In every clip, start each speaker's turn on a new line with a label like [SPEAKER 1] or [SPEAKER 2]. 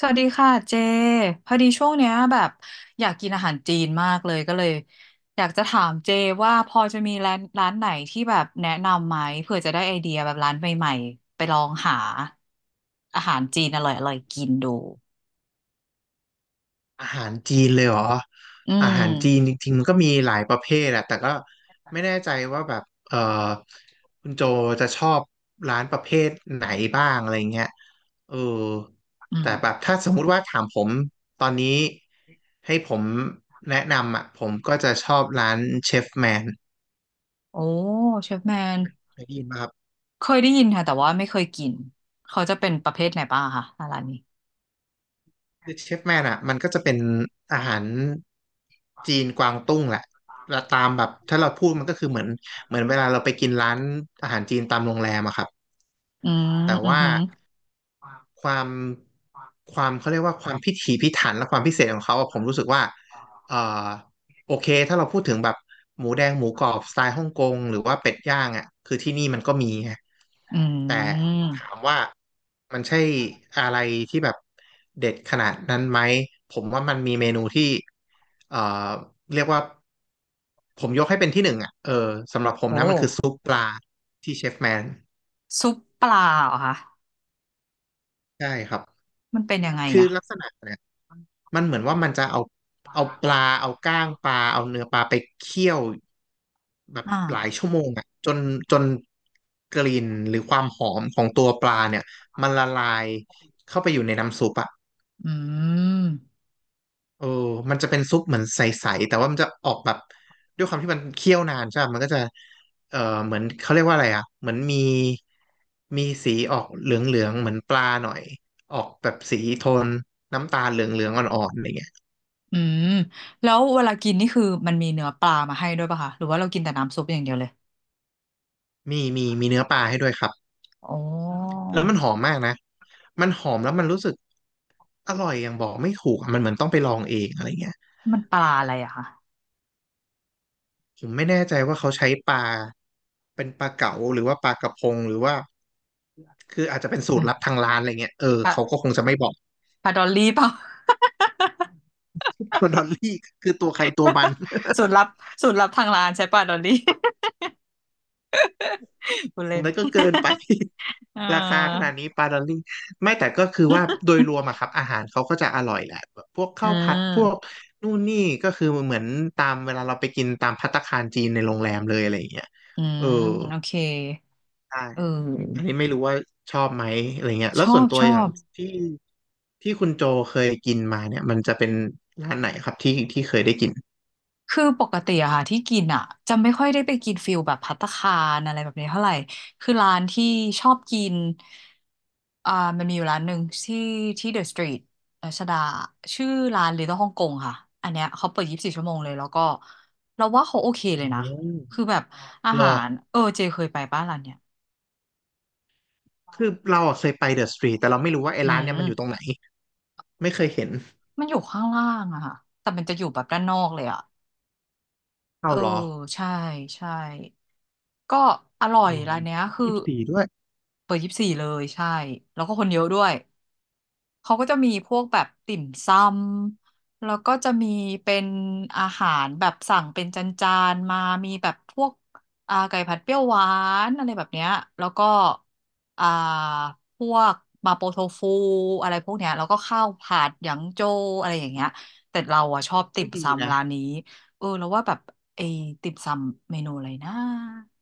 [SPEAKER 1] สวัสดีค่ะเจพอดีช่วงเนี้ยแบบอยากกินอาหารจีนมากเลยก็เลยอยากจะถามเจว่าพอจะมีร้านไหนที่แบบแนะนำไหมเผื่อจะได้ไอเดียแบบร้านใหม่ๆไปลองหาอาหารจีนอร่อยๆกินดู
[SPEAKER 2] อาหารจีนเลยเหรอ
[SPEAKER 1] อื
[SPEAKER 2] อาหารจีน
[SPEAKER 1] ม
[SPEAKER 2] จริงๆมันก็มีหลายประเภทอะแต่ก็ไม่แน่ใจว่าแบบเออคุณโจจะชอบร้านประเภทไหนบ้างอะไรเงี้ยเออ
[SPEAKER 1] อืม
[SPEAKER 2] แต่แบบถ้าสมมุติว่าถามผมตอนนี้ให้ผมแนะนำอะผมก็จะชอบร้านเชฟแมน
[SPEAKER 1] โอ้เชฟแมน
[SPEAKER 2] ได้ยินป่ะครับ
[SPEAKER 1] เคยได้ยินค่ะแต่ว่าไม่เคยกินเขาจะเป็นประเภทไหนบ้างคะร้านนี้
[SPEAKER 2] คือเชฟแมนอ่ะมันก็จะเป็นอาหารจีนกวางตุ้งแหละแล้วตามแบบถ้าเราพูดมันก็คือเหมือนเวลาเราไปกินร้านอาหารจีนตามโรงแรมอะครับ
[SPEAKER 1] อืม
[SPEAKER 2] แต่
[SPEAKER 1] อือ
[SPEAKER 2] ว่า
[SPEAKER 1] หือ
[SPEAKER 2] ความความเขาเรียกว่าความพิถีพิถันและความพิเศษของเขาอะผมรู้สึกว่าเอ่อโอเคถ้าเราพูดถึงแบบหมูแดงหมูกรอบสไตล์ฮ่องกงหรือว่าเป็ดย่างอะคือที่นี่มันก็มีไง
[SPEAKER 1] อื
[SPEAKER 2] แต่ถาม
[SPEAKER 1] ม
[SPEAKER 2] ว่า มันใช่อะไรที่แบบเด็ดขนาดนั้นไหมผมว่ามันมีเมนูที่เอ่อเรียกว่าผมยกให้เป็นที่หนึ่งอ่ะสำหรับผม
[SPEAKER 1] โอ
[SPEAKER 2] นะมันคือ
[SPEAKER 1] ้
[SPEAKER 2] ซุปปลาที่เชฟแมน
[SPEAKER 1] ซุปปลาเหรอคะ
[SPEAKER 2] ใช่ครับ
[SPEAKER 1] มันเป็นยังไง
[SPEAKER 2] คือ
[SPEAKER 1] อ่ะ
[SPEAKER 2] ลักษณะเนี่ยมันเหมือนว่ามันจะเอาปลาเอาก้างปลาเอาเนื้อปลาไปเคี่ยวแบบ
[SPEAKER 1] อ
[SPEAKER 2] หลาย
[SPEAKER 1] ่า
[SPEAKER 2] ชั่วโมงอ่ะจนกลิ่นหรือความหอมของตัวปลาเนี่ยมันละลายเข้าไปอยู่ในน้ำซุปอ่ะ
[SPEAKER 1] อืม
[SPEAKER 2] เออมันจะเป็นซุปเหมือนใสๆแต่ว่ามันจะออกแบบด้วยความที่มันเคี่ยวนานใช่ไหมมันก็จะเออเหมือนเขาเรียกว่าอะไรอ่ะเหมือนมีมีสีออกเหลืองๆเหมือนปลาหน่อยออกแบบสีโทนน้ำตาลเหลืองๆอ่อนๆอะไรเงี้ย
[SPEAKER 1] อืมแล้วเวลากินนี่คือมันมีเนื้อปลามาให้ด้วยป่ะคะหรือว่าเรากินแต่น้ำซุปอย่างเดียวเลย
[SPEAKER 2] มีเนื้อปลาให้ด้วยครับ
[SPEAKER 1] อ๋อ
[SPEAKER 2] แล้วมันหอมมากนะมันหอมแล้วมันรู้สึกอร่อยอย่างบอกไม่ถูกอะมันเหมือนต้องไปลองเองอะไรเงี้ย
[SPEAKER 1] มันปลาอะไรอะคะ
[SPEAKER 2] ผมไม่แน่ใจว่าเขาใช้ปลาเป็นปลาเก๋าหรือว่าปลากระพงหรือว่า คืออาจจะเป็นสู
[SPEAKER 1] อื
[SPEAKER 2] ตรลับ
[SPEAKER 1] ม
[SPEAKER 2] ทางร้านอะไรเงี้ย
[SPEAKER 1] ป
[SPEAKER 2] เขาก็ค
[SPEAKER 1] ลา
[SPEAKER 2] งจะไม่บอก
[SPEAKER 1] ปลาดอลลี่เปล่า
[SPEAKER 2] ปลาดอลลี่คือตัวใครตัวมัน
[SPEAKER 1] สูตรลับสูตรลับทางร้านใช้ปลาดอลลี่ คุณเล่น
[SPEAKER 2] นั่นก็เกินไป
[SPEAKER 1] เ
[SPEAKER 2] ราคาข
[SPEAKER 1] อ
[SPEAKER 2] นาดนี้ปลาดอลลี่ไม่แต่ก็คือว่าโดยรวมอะครับอาหารเขาก็จะอร่อยแหละแบบพวก
[SPEAKER 1] ออื
[SPEAKER 2] ข้าวผั
[SPEAKER 1] ม
[SPEAKER 2] ดพวกนู่นนี่ก็คือเหมือนตามเวลาเราไปกินตามภัตตาคารจีนในโรงแรมเลยอะไรอย่างเงี้ย
[SPEAKER 1] อื
[SPEAKER 2] เอ
[SPEAKER 1] ม
[SPEAKER 2] อ
[SPEAKER 1] โอเค
[SPEAKER 2] ใช่
[SPEAKER 1] เอ
[SPEAKER 2] อัน
[SPEAKER 1] อ
[SPEAKER 2] นี้ไม่รู้ว่าชอบไหมอะไรเงี้ย
[SPEAKER 1] ช
[SPEAKER 2] แล้ว
[SPEAKER 1] อ
[SPEAKER 2] ส่วน
[SPEAKER 1] บ
[SPEAKER 2] ตั
[SPEAKER 1] ช
[SPEAKER 2] ว
[SPEAKER 1] อ
[SPEAKER 2] อย่าง
[SPEAKER 1] บ
[SPEAKER 2] ที่ที่คุณโจเคยกินมาเนี่ยมันจะเป็นร้านไหนครับที่เคยได้กิน
[SPEAKER 1] คือปกติอะค่ะที่กินอะจะไม่ค่อยได้ไปกินฟิลแบบภัตตาคารอะไรแบบนี้เท่าไหร่คือร้านที่ชอบกิน อ่ามันมีอยู่ร้านหนึ่งที่เดอะสตรีทรัชดาชื่อร้าน l i t เ l e ้ลฮ่องกงค่ะอันเนี้ยเขาเปิด24 ชั่วโมงเลยแล้วก็เราว่าเขาโอเคเล
[SPEAKER 2] อื
[SPEAKER 1] ยนะ
[SPEAKER 2] ม
[SPEAKER 1] คือแบบอา
[SPEAKER 2] ร
[SPEAKER 1] หา
[SPEAKER 2] อ
[SPEAKER 1] รเออเจเคยไปป้าร้านเนี้ย
[SPEAKER 2] คือเราอะเคยไปเดอะสตรีทแต่เราไม่รู้ว่าไอ้
[SPEAKER 1] อื
[SPEAKER 2] ร้านเนี่ย
[SPEAKER 1] ม
[SPEAKER 2] มันอยู่ตรงไหนไม่เคยเห็น
[SPEAKER 1] มันอยู่ข้างล่างอะค่ะแต่มันจะอยู่แบบด้านนอกเลยอะเอ
[SPEAKER 2] เอา
[SPEAKER 1] อ
[SPEAKER 2] เหรอ
[SPEAKER 1] ใช่ใช่ก็อร่อย
[SPEAKER 2] อ๋อ
[SPEAKER 1] ร้านเนี้ยคื
[SPEAKER 2] ยี่
[SPEAKER 1] อ
[SPEAKER 2] สิบสี่ด้วย
[SPEAKER 1] เปิดยี่สิบสี่เลยใช่แล้วก็คนเยอะด้วย เขาก็จะมีพวกแบบติ่มซำแล้วก็จะมีเป็นอาหารแบบสั่งเป็นจานๆมามีแบบพวกไก่ผัดเปรี้ยวหวานอะไรแบบเนี้ยแล้วก็อ่าพวกมาโปโทฟูอะไรพวกเนี้ยแล้วก็ข้าวผัดหยางโจวอะไรอย่างเงี้ยแต่เราอะชอบติ่
[SPEAKER 2] เฮ้
[SPEAKER 1] ม
[SPEAKER 2] ยดี
[SPEAKER 1] ซำ
[SPEAKER 2] นะ
[SPEAKER 1] ร้านนี้เออแล้วว่าแบบไอ้ติ่มซำเมนูอะไรนะ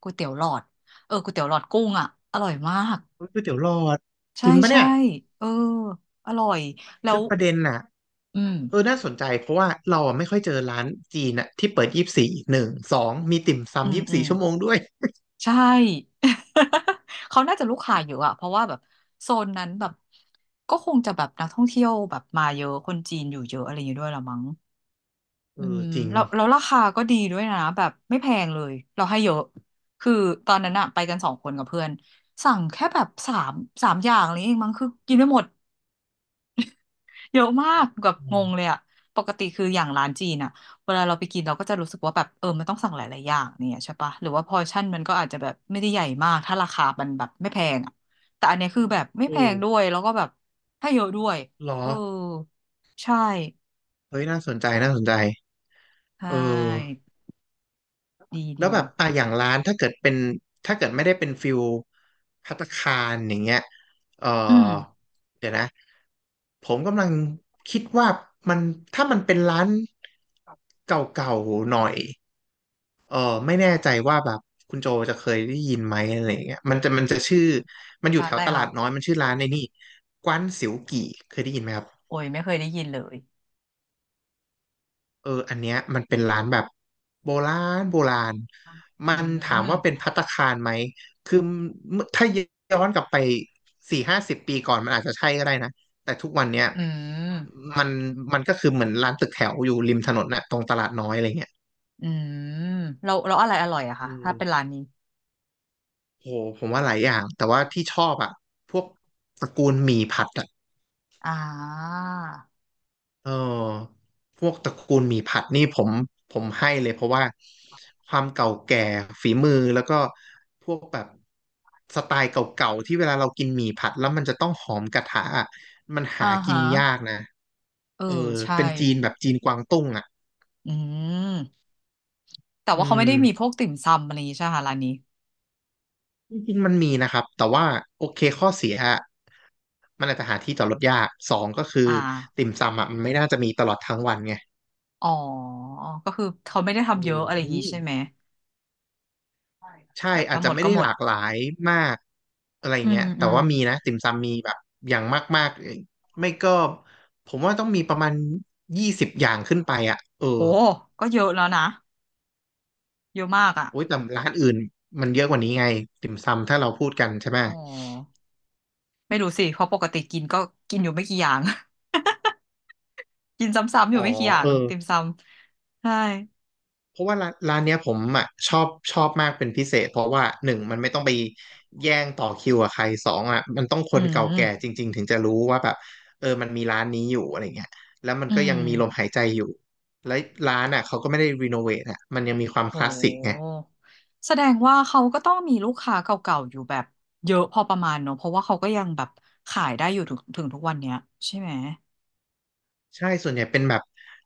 [SPEAKER 1] ก๋วยเตี๋ยวหลอดเออก๋วยเตี๋ยวหลอดกุ้งอ่ะอร่อยมาก
[SPEAKER 2] เฮ้ยก๋วยเตี๋ยวหลอดจ
[SPEAKER 1] ใช่
[SPEAKER 2] ริงปะ
[SPEAKER 1] ใช่
[SPEAKER 2] เนี่ย
[SPEAKER 1] เอออร่อยแล้
[SPEAKER 2] คื
[SPEAKER 1] ว
[SPEAKER 2] อประเด็นน่ะ
[SPEAKER 1] อืม
[SPEAKER 2] น่าสนใจเพราะว่าเราอะไม่ค่อยเจอร้านจีนอะที่เปิดยี่สิบสี่หนึ่งสองมีติ่ม
[SPEAKER 1] อื
[SPEAKER 2] ซำ
[SPEAKER 1] ม
[SPEAKER 2] ยี่สิบ
[SPEAKER 1] อื
[SPEAKER 2] สี่
[SPEAKER 1] ม
[SPEAKER 2] ชั่วโมงด้วย
[SPEAKER 1] ใช่ เขาน่าจะลูกค้าเยอะอะเพราะว่าแบบโซนนั้นแบบก็คงจะแบบนักท่องเที่ยวแบบมาเยอะคนจีนอยู่เยอะอะไรอย่างงี้ด้วยละมั้งอืม
[SPEAKER 2] จริง
[SPEAKER 1] แล้วแล้วราคาก็ดีด้วยนะแบบไม่แพงเลยเราให้เยอะคือตอนนั้นอะไปกันสองคนกับเพื่อนสั่งแค่แบบสามอย่างอะไรเองมั้งคือกินไม่หมด เยอะมากแบบง
[SPEAKER 2] เ
[SPEAKER 1] งเลยอะปกติคืออย่างร้านจีนอะเวลาเราไปกินเราก็จะรู้สึกว่าแบบเออมันต้องสั่งหลายๆอย่างเนี่ยใช่ปะหรือว่าพอร์ชั่นมันก็อาจจะแบบไม่ได้ใหญ่มากถ้าราคามันแบบไม่แพงอะแต่อันเนี้ยคือแบบไม่แพงด้ว
[SPEAKER 2] อ
[SPEAKER 1] ย
[SPEAKER 2] อ
[SPEAKER 1] แล้วก็แบบให้เยอะด้วย
[SPEAKER 2] เหรอ
[SPEAKER 1] เออใช่
[SPEAKER 2] เฮ้ยน่าสนใจน่าสนใจ
[SPEAKER 1] ใช
[SPEAKER 2] เออ
[SPEAKER 1] ่ดี
[SPEAKER 2] แล้ว
[SPEAKER 1] ดี
[SPEAKER 2] แบบอ่ะอย่างร้านถ้าเกิดเป็นถ้าเกิดไม่ได้เป็นฟิลภัตตาคารอย่างเงี้ยเออ
[SPEAKER 1] อืม
[SPEAKER 2] เดี๋ยวนะผมกำลังคิดว่ามันถ้ามันเป็นร้านเก่าๆหน่อยเออไม่แน่ใจว่าแบบคุณโจจะเคยได้ยินไหมอะไรอย่างเงี้ยมันจะชื่อมันอยู่
[SPEAKER 1] ร้าน
[SPEAKER 2] แถ
[SPEAKER 1] อะ
[SPEAKER 2] ว
[SPEAKER 1] ไร
[SPEAKER 2] ตลา
[SPEAKER 1] ค่ะ
[SPEAKER 2] ดน้อยมันชื่อร้านในนี่กว้านสิวกี่เคยได้ยินไหมครับ
[SPEAKER 1] โอ้ยไม่เคยได้ยินเลย
[SPEAKER 2] อันเนี้ยมันเป็นร้านแบบโบราณโบราณมั
[SPEAKER 1] อื
[SPEAKER 2] นถามว่าเป็น
[SPEAKER 1] ม
[SPEAKER 2] ภัตตาคารไหม คือเมื่อถ้าย้อนกลับไปสี่ห้าสิบปีก่อนมันอาจจะใช่ก็ได้นะ แต่ทุกวันเนี้ย
[SPEAKER 1] อืม
[SPEAKER 2] มันมันก็คือเหมือนร้านตึกแถวอยู่ริมถนนน่ะตรงตลาดน้อยอะไรเงี้ย
[SPEAKER 1] อืมเราอะไรอร่อยอะ
[SPEAKER 2] อื
[SPEAKER 1] คะถ้า
[SPEAKER 2] ม
[SPEAKER 1] เป็นร้านนี้
[SPEAKER 2] โหผมว่าหลายอย่าง แต่ว่าที่ชอบอ่ะพวกตระกูลหมี่ผัดอ่ะ
[SPEAKER 1] อ่า
[SPEAKER 2] เออพวกตระกูลหมี่ผัดนี่ผมให้เลยเพราะว่าความเก่าแก่ฝีมือแล้วก็พวกแบบสไตล์เก่าๆที่เวลาเรากินหมี่ผัดแล้วมันจะต้องหอมกระทะอะมัน
[SPEAKER 1] อ่า
[SPEAKER 2] หากิ
[SPEAKER 1] ฮะ
[SPEAKER 2] นยากนะ
[SPEAKER 1] เออ
[SPEAKER 2] เออ
[SPEAKER 1] ใช่
[SPEAKER 2] เป็นจีนแบบจีนกวางตุ้งอ่ะ
[SPEAKER 1] อืมแต่
[SPEAKER 2] อื
[SPEAKER 1] ว่าเขาไม่
[SPEAKER 2] ม
[SPEAKER 1] ได้มีพวกติ่มซำอะไรอย่างงี้ใช่ไหมคะร้านนี้
[SPEAKER 2] จริงๆมันมีนะครับแต่ว่าโอเคข้อเสียอะมันอาจจะหาที่จอดรถยากสองก็คือ
[SPEAKER 1] อ่า
[SPEAKER 2] ติ่มซำอ่ะมันไม่น่าจะมีตลอดทั้งวันไง
[SPEAKER 1] อ๋อก็คือเขาไม่ได้
[SPEAKER 2] เอ
[SPEAKER 1] ทำเยอะอะไรอย่าง
[SPEAKER 2] มี
[SPEAKER 1] งี้ใช่ไหมใช่ค่ะ
[SPEAKER 2] ใช่
[SPEAKER 1] แบบ
[SPEAKER 2] อา
[SPEAKER 1] ถ้า
[SPEAKER 2] จ
[SPEAKER 1] ห
[SPEAKER 2] จะ
[SPEAKER 1] มด
[SPEAKER 2] ไม่
[SPEAKER 1] ก็
[SPEAKER 2] ได้
[SPEAKER 1] หม
[SPEAKER 2] ห
[SPEAKER 1] ด
[SPEAKER 2] ลากหลายมากอะไร
[SPEAKER 1] อื
[SPEAKER 2] เงี้
[SPEAKER 1] ม
[SPEAKER 2] ย
[SPEAKER 1] อื
[SPEAKER 2] แต่
[SPEAKER 1] ม
[SPEAKER 2] ว่ามีนะติ่มซำมีแบบอย่างมากๆไม่ก็ผมว่าต้องมีประมาณ20 อย่างขึ้นไปอ่ะ
[SPEAKER 1] โอ้ก็เยอะแล้วนะเยอะมากอ่ะ
[SPEAKER 2] โอ้ยแต่ร้านอื่นมันเยอะกว่านี้ไงติ่มซำถ้าเราพูดกันใช่ไหม
[SPEAKER 1] อ๋อไม่รู้สิเพราะปกติกินก็กินอยู่ไม่กี่อย่าง กินซ้ำๆอ
[SPEAKER 2] อ๋
[SPEAKER 1] ยู่
[SPEAKER 2] อ
[SPEAKER 1] ไม่กี่อย่า
[SPEAKER 2] เอ
[SPEAKER 1] ง
[SPEAKER 2] อ
[SPEAKER 1] ติ่มซำใช่
[SPEAKER 2] เพราะว่าร้านเนี้ยผมอ่ะชอบชอบมากเป็นพิเศษเพราะว่าหนึ่งมันไม่ต้องไปแย่งต่อคิวกับใครสองอ่ะมันต้องค
[SPEAKER 1] อื
[SPEAKER 2] นเก่าแก่จ
[SPEAKER 1] ม
[SPEAKER 2] ริงๆถึงจะรู้ว่าแบบเออมันมีร้านนี้อยู่อะไรเงี้ยแล้วมัน
[SPEAKER 1] อื
[SPEAKER 2] ก็ยั
[SPEAKER 1] ม
[SPEAKER 2] งมีลมหายใจอยู่แล้วร้านอ่ะเขาก็ไม่ได้รีโนเวทอ่ะมันยังมีความ
[SPEAKER 1] โ
[SPEAKER 2] คลาสสิกไง
[SPEAKER 1] หแสดงว่าเขาก็ต้องมีลูกค้าเก่าๆอยู่แบบเยอะพอประมาณเนอะ เพราะว่าเขาก็ยังแบบขายได้อยู่ถึงทุกวันเนี้ยใช่ไหม
[SPEAKER 2] ใช่ส่วนใหญ่เป็นแบบ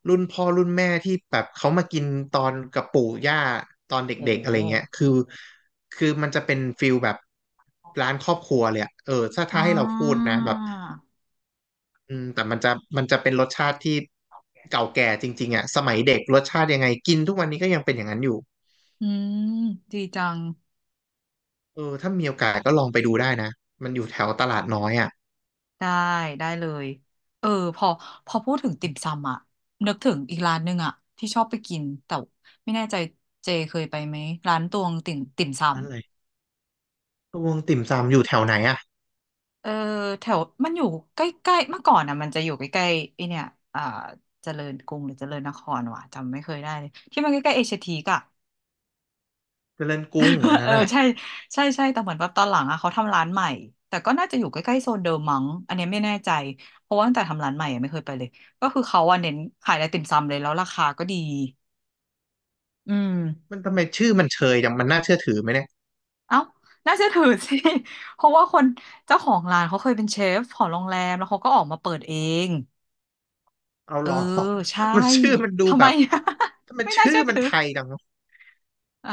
[SPEAKER 2] รุ่นพ่อรุ่นแม่ที่แบบเขามากินตอนกับปู่ย่าตอน
[SPEAKER 1] โอ
[SPEAKER 2] เด็กๆอะไรเงี้ย
[SPEAKER 1] ้
[SPEAKER 2] คือมันจะเป็นฟิลแบบร้านครอบครัวเลยอะเออถ้า
[SPEAKER 1] อ่
[SPEAKER 2] ถ้าให้เราพูด
[SPEAKER 1] า
[SPEAKER 2] นะแบบ อืมแต่มันจะเป็นรสชาติที่เก่าแก่จริงๆอ่ะสมัยเด็กรสชาติยังไงกินทุกวันนี้ก็ยังเป็นอย่างนั้นอยู่
[SPEAKER 1] อืม ดีจัง
[SPEAKER 2] เออถ้ามีโอกาสก็ลองไปดูได้นะมันอยู่แถวตลาดน้อยอ่ะ
[SPEAKER 1] ได้ได้เลย เออพอพูดถึงติ่มซำอะนึกถึงอีกร้านหนึ่งอะที่ชอบไปกินแต่ไม่แน่ใจเจเคยไปไหมร้านตวงติ่มติ่มซำ
[SPEAKER 2] นั่นเลยตวงติ่มซำอยู่แถวไหนอ่ะ
[SPEAKER 1] เออแถวมันอยู่ใกล้ๆเมื่อก่อนอ่ะมันจะอยู่ใกล้ๆไอเนี่ยอ่าเจริญกรุงหรือเจริญนครวะจำไม่เคยได้เลยที่มันใกล้ๆเอชทีกอะ
[SPEAKER 2] เจริญกรุงอัน นั้
[SPEAKER 1] เอ
[SPEAKER 2] น
[SPEAKER 1] อ
[SPEAKER 2] อ่ะ
[SPEAKER 1] ใช่ใช่ใช่แต่เหมือนแบบตอนหลังอะเขาทำร้านใหม่แต่ก็น่าจะอยู่ใกล้ๆโซนเดิมมั้งอันเนี้ยไม่แน่ใจเพราะว่าตั้งแต่ทำร้านใหม่อะไม่เคยไปเลยก็คือเขาอะเน้นขายไอติมซำเลยแล้วราคาก็ดีอืม
[SPEAKER 2] มันทำไมชื่อมันเชยจังมันน่าเชื่อถือไหมเนี่ย
[SPEAKER 1] เอ้าน่าเชื่อถือสิ เพราะว่าคนเจ้าของร้านเขาเคยเป็นเชฟของโรงแรมแล้วเขาก็ออกมาเปิดเอง
[SPEAKER 2] เอา
[SPEAKER 1] เอ
[SPEAKER 2] ห
[SPEAKER 1] อ
[SPEAKER 2] รอ
[SPEAKER 1] ใช่
[SPEAKER 2] มันชื่อมันดู
[SPEAKER 1] ทำ
[SPEAKER 2] แบ
[SPEAKER 1] ไม
[SPEAKER 2] บทำไม
[SPEAKER 1] ไม่น่า
[SPEAKER 2] ชื่อ
[SPEAKER 1] เชื่อ
[SPEAKER 2] มัน
[SPEAKER 1] ถือ
[SPEAKER 2] ไทยจังเนอะ
[SPEAKER 1] อ่า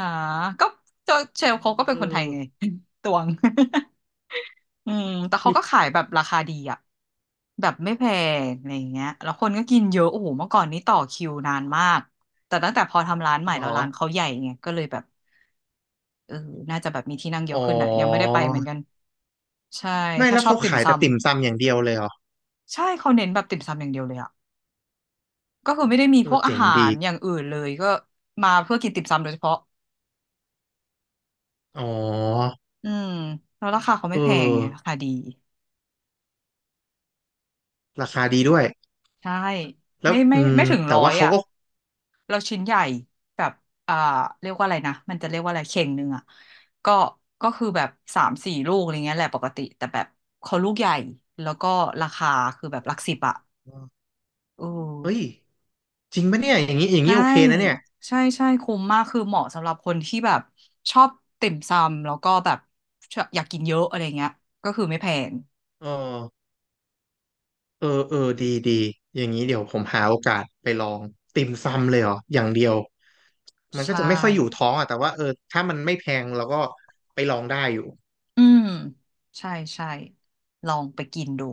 [SPEAKER 1] ก็เจอเชลเขาก็เป็
[SPEAKER 2] เอ
[SPEAKER 1] นคนไทยไง
[SPEAKER 2] อ
[SPEAKER 1] ตวง อืมแต่เขาก็
[SPEAKER 2] ่
[SPEAKER 1] ขายแบบราคาดีอ่ะแบบไม่แพงอะไรอย่างเงี้ยแล้วคนก็กินเยอะโอ้โหเมื่อก่อนนี้ต่อคิวนานมากแต่ตั้งแต่พอทำร้านใหม่
[SPEAKER 2] หรอ
[SPEAKER 1] แล้วร้านเขาใหญ่ไงก็เลยแบบเออน่าจะแบบมีที่นั่งเย
[SPEAKER 2] อ๋
[SPEAKER 1] อะ
[SPEAKER 2] อ
[SPEAKER 1] ขึ้นอ่ะยังไม่ได้ไปเหมือนกันใช่
[SPEAKER 2] ไม่
[SPEAKER 1] ถ้า
[SPEAKER 2] แล้ว
[SPEAKER 1] ชอบ
[SPEAKER 2] เขา
[SPEAKER 1] ติ่ม
[SPEAKER 2] ขาย
[SPEAKER 1] ซำ
[SPEAKER 2] แต่ติ่มซำอย่างเดียวเลยเหรอ
[SPEAKER 1] ใช่เขาเน้นแบบติ่มซำอย่างเดียวเลยอ่ะก็คือไม่ได้มี
[SPEAKER 2] เอ
[SPEAKER 1] พ
[SPEAKER 2] อ
[SPEAKER 1] วกอา
[SPEAKER 2] เจ๋ง
[SPEAKER 1] หา
[SPEAKER 2] ดี
[SPEAKER 1] รอย่างอื่นเลยก็มาเพื่อกินติ่มซำโดยเฉพาะ
[SPEAKER 2] อ๋อ
[SPEAKER 1] อืมแล้วราคาเขา
[SPEAKER 2] เอ
[SPEAKER 1] ไม่
[SPEAKER 2] อ
[SPEAKER 1] แพงไงราคาดี
[SPEAKER 2] ราคาดีด้วย
[SPEAKER 1] ใช่
[SPEAKER 2] แล้ว
[SPEAKER 1] ไม่ไม่
[SPEAKER 2] อืม
[SPEAKER 1] ไม่ถึง
[SPEAKER 2] แต่
[SPEAKER 1] ร้อ
[SPEAKER 2] ว่า
[SPEAKER 1] ย
[SPEAKER 2] เขา
[SPEAKER 1] อ่ะ
[SPEAKER 2] ก็
[SPEAKER 1] เราชิ้นใหญ่แบบอ่าเรียกว่าอะไรนะมันจะเรียกว่าอะไรเข่งหนึ่งอ่ะก็ก็คือแบบ3-4 ลูกอะไรเงี้ยแหละปกติแต่แบบเขาลูกใหญ่แล้วก็ราคาคือแบบหลักสิบอ่ะเอ
[SPEAKER 2] เฮ้ย
[SPEAKER 1] อ
[SPEAKER 2] จริงปะเนี่ยอย่างนี้อย่าง
[SPEAKER 1] ใช่
[SPEAKER 2] นี้โอเคนะเนี่ย
[SPEAKER 1] ใช่ใช่คุ้มมากคือเหมาะสำหรับคนที่แบบชอบติ่มซำแล้วก็แบบชอบอยากกินเยอะอะไรเงี้ยก็คือไม่แพง
[SPEAKER 2] เออเออเออดีดีอย่างนี้เดี๋ยวผมหาโอกาสไปลองติ่มซำเลยเหรออย่างเดียวมันก็
[SPEAKER 1] ใช่
[SPEAKER 2] จะไม่ค่อยอยู่ท้องอ่ะแต่ว่าเออถ้ามันไม่แพงเราก็ไปลองได้อยู่
[SPEAKER 1] อืมใช่ใช่ลองไปกินดู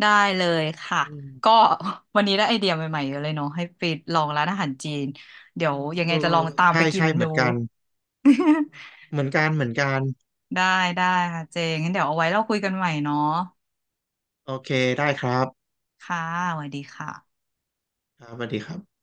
[SPEAKER 1] ได้เลยค่ะ
[SPEAKER 2] อืม
[SPEAKER 1] ก็ วันนี้ได้ไอเดียใหม่ๆเยอะเลยเนาะให้ไปลองร้านอาหารจีนเดี๋ยวยังไง
[SPEAKER 2] เออ
[SPEAKER 1] จะลองตามไป
[SPEAKER 2] ใช่
[SPEAKER 1] กิน
[SPEAKER 2] ใช่เหมื
[SPEAKER 1] ดู
[SPEAKER 2] อนกัน เหมือนกัน
[SPEAKER 1] ได้ได้ค่ะเจงงั้นเดี๋ยวเอาไว้เราคุยกันใหม่เนาะ
[SPEAKER 2] โอเคได้ครับ
[SPEAKER 1] ค่ะสวัสดีค่ะ
[SPEAKER 2] ครับสวัสดีครับ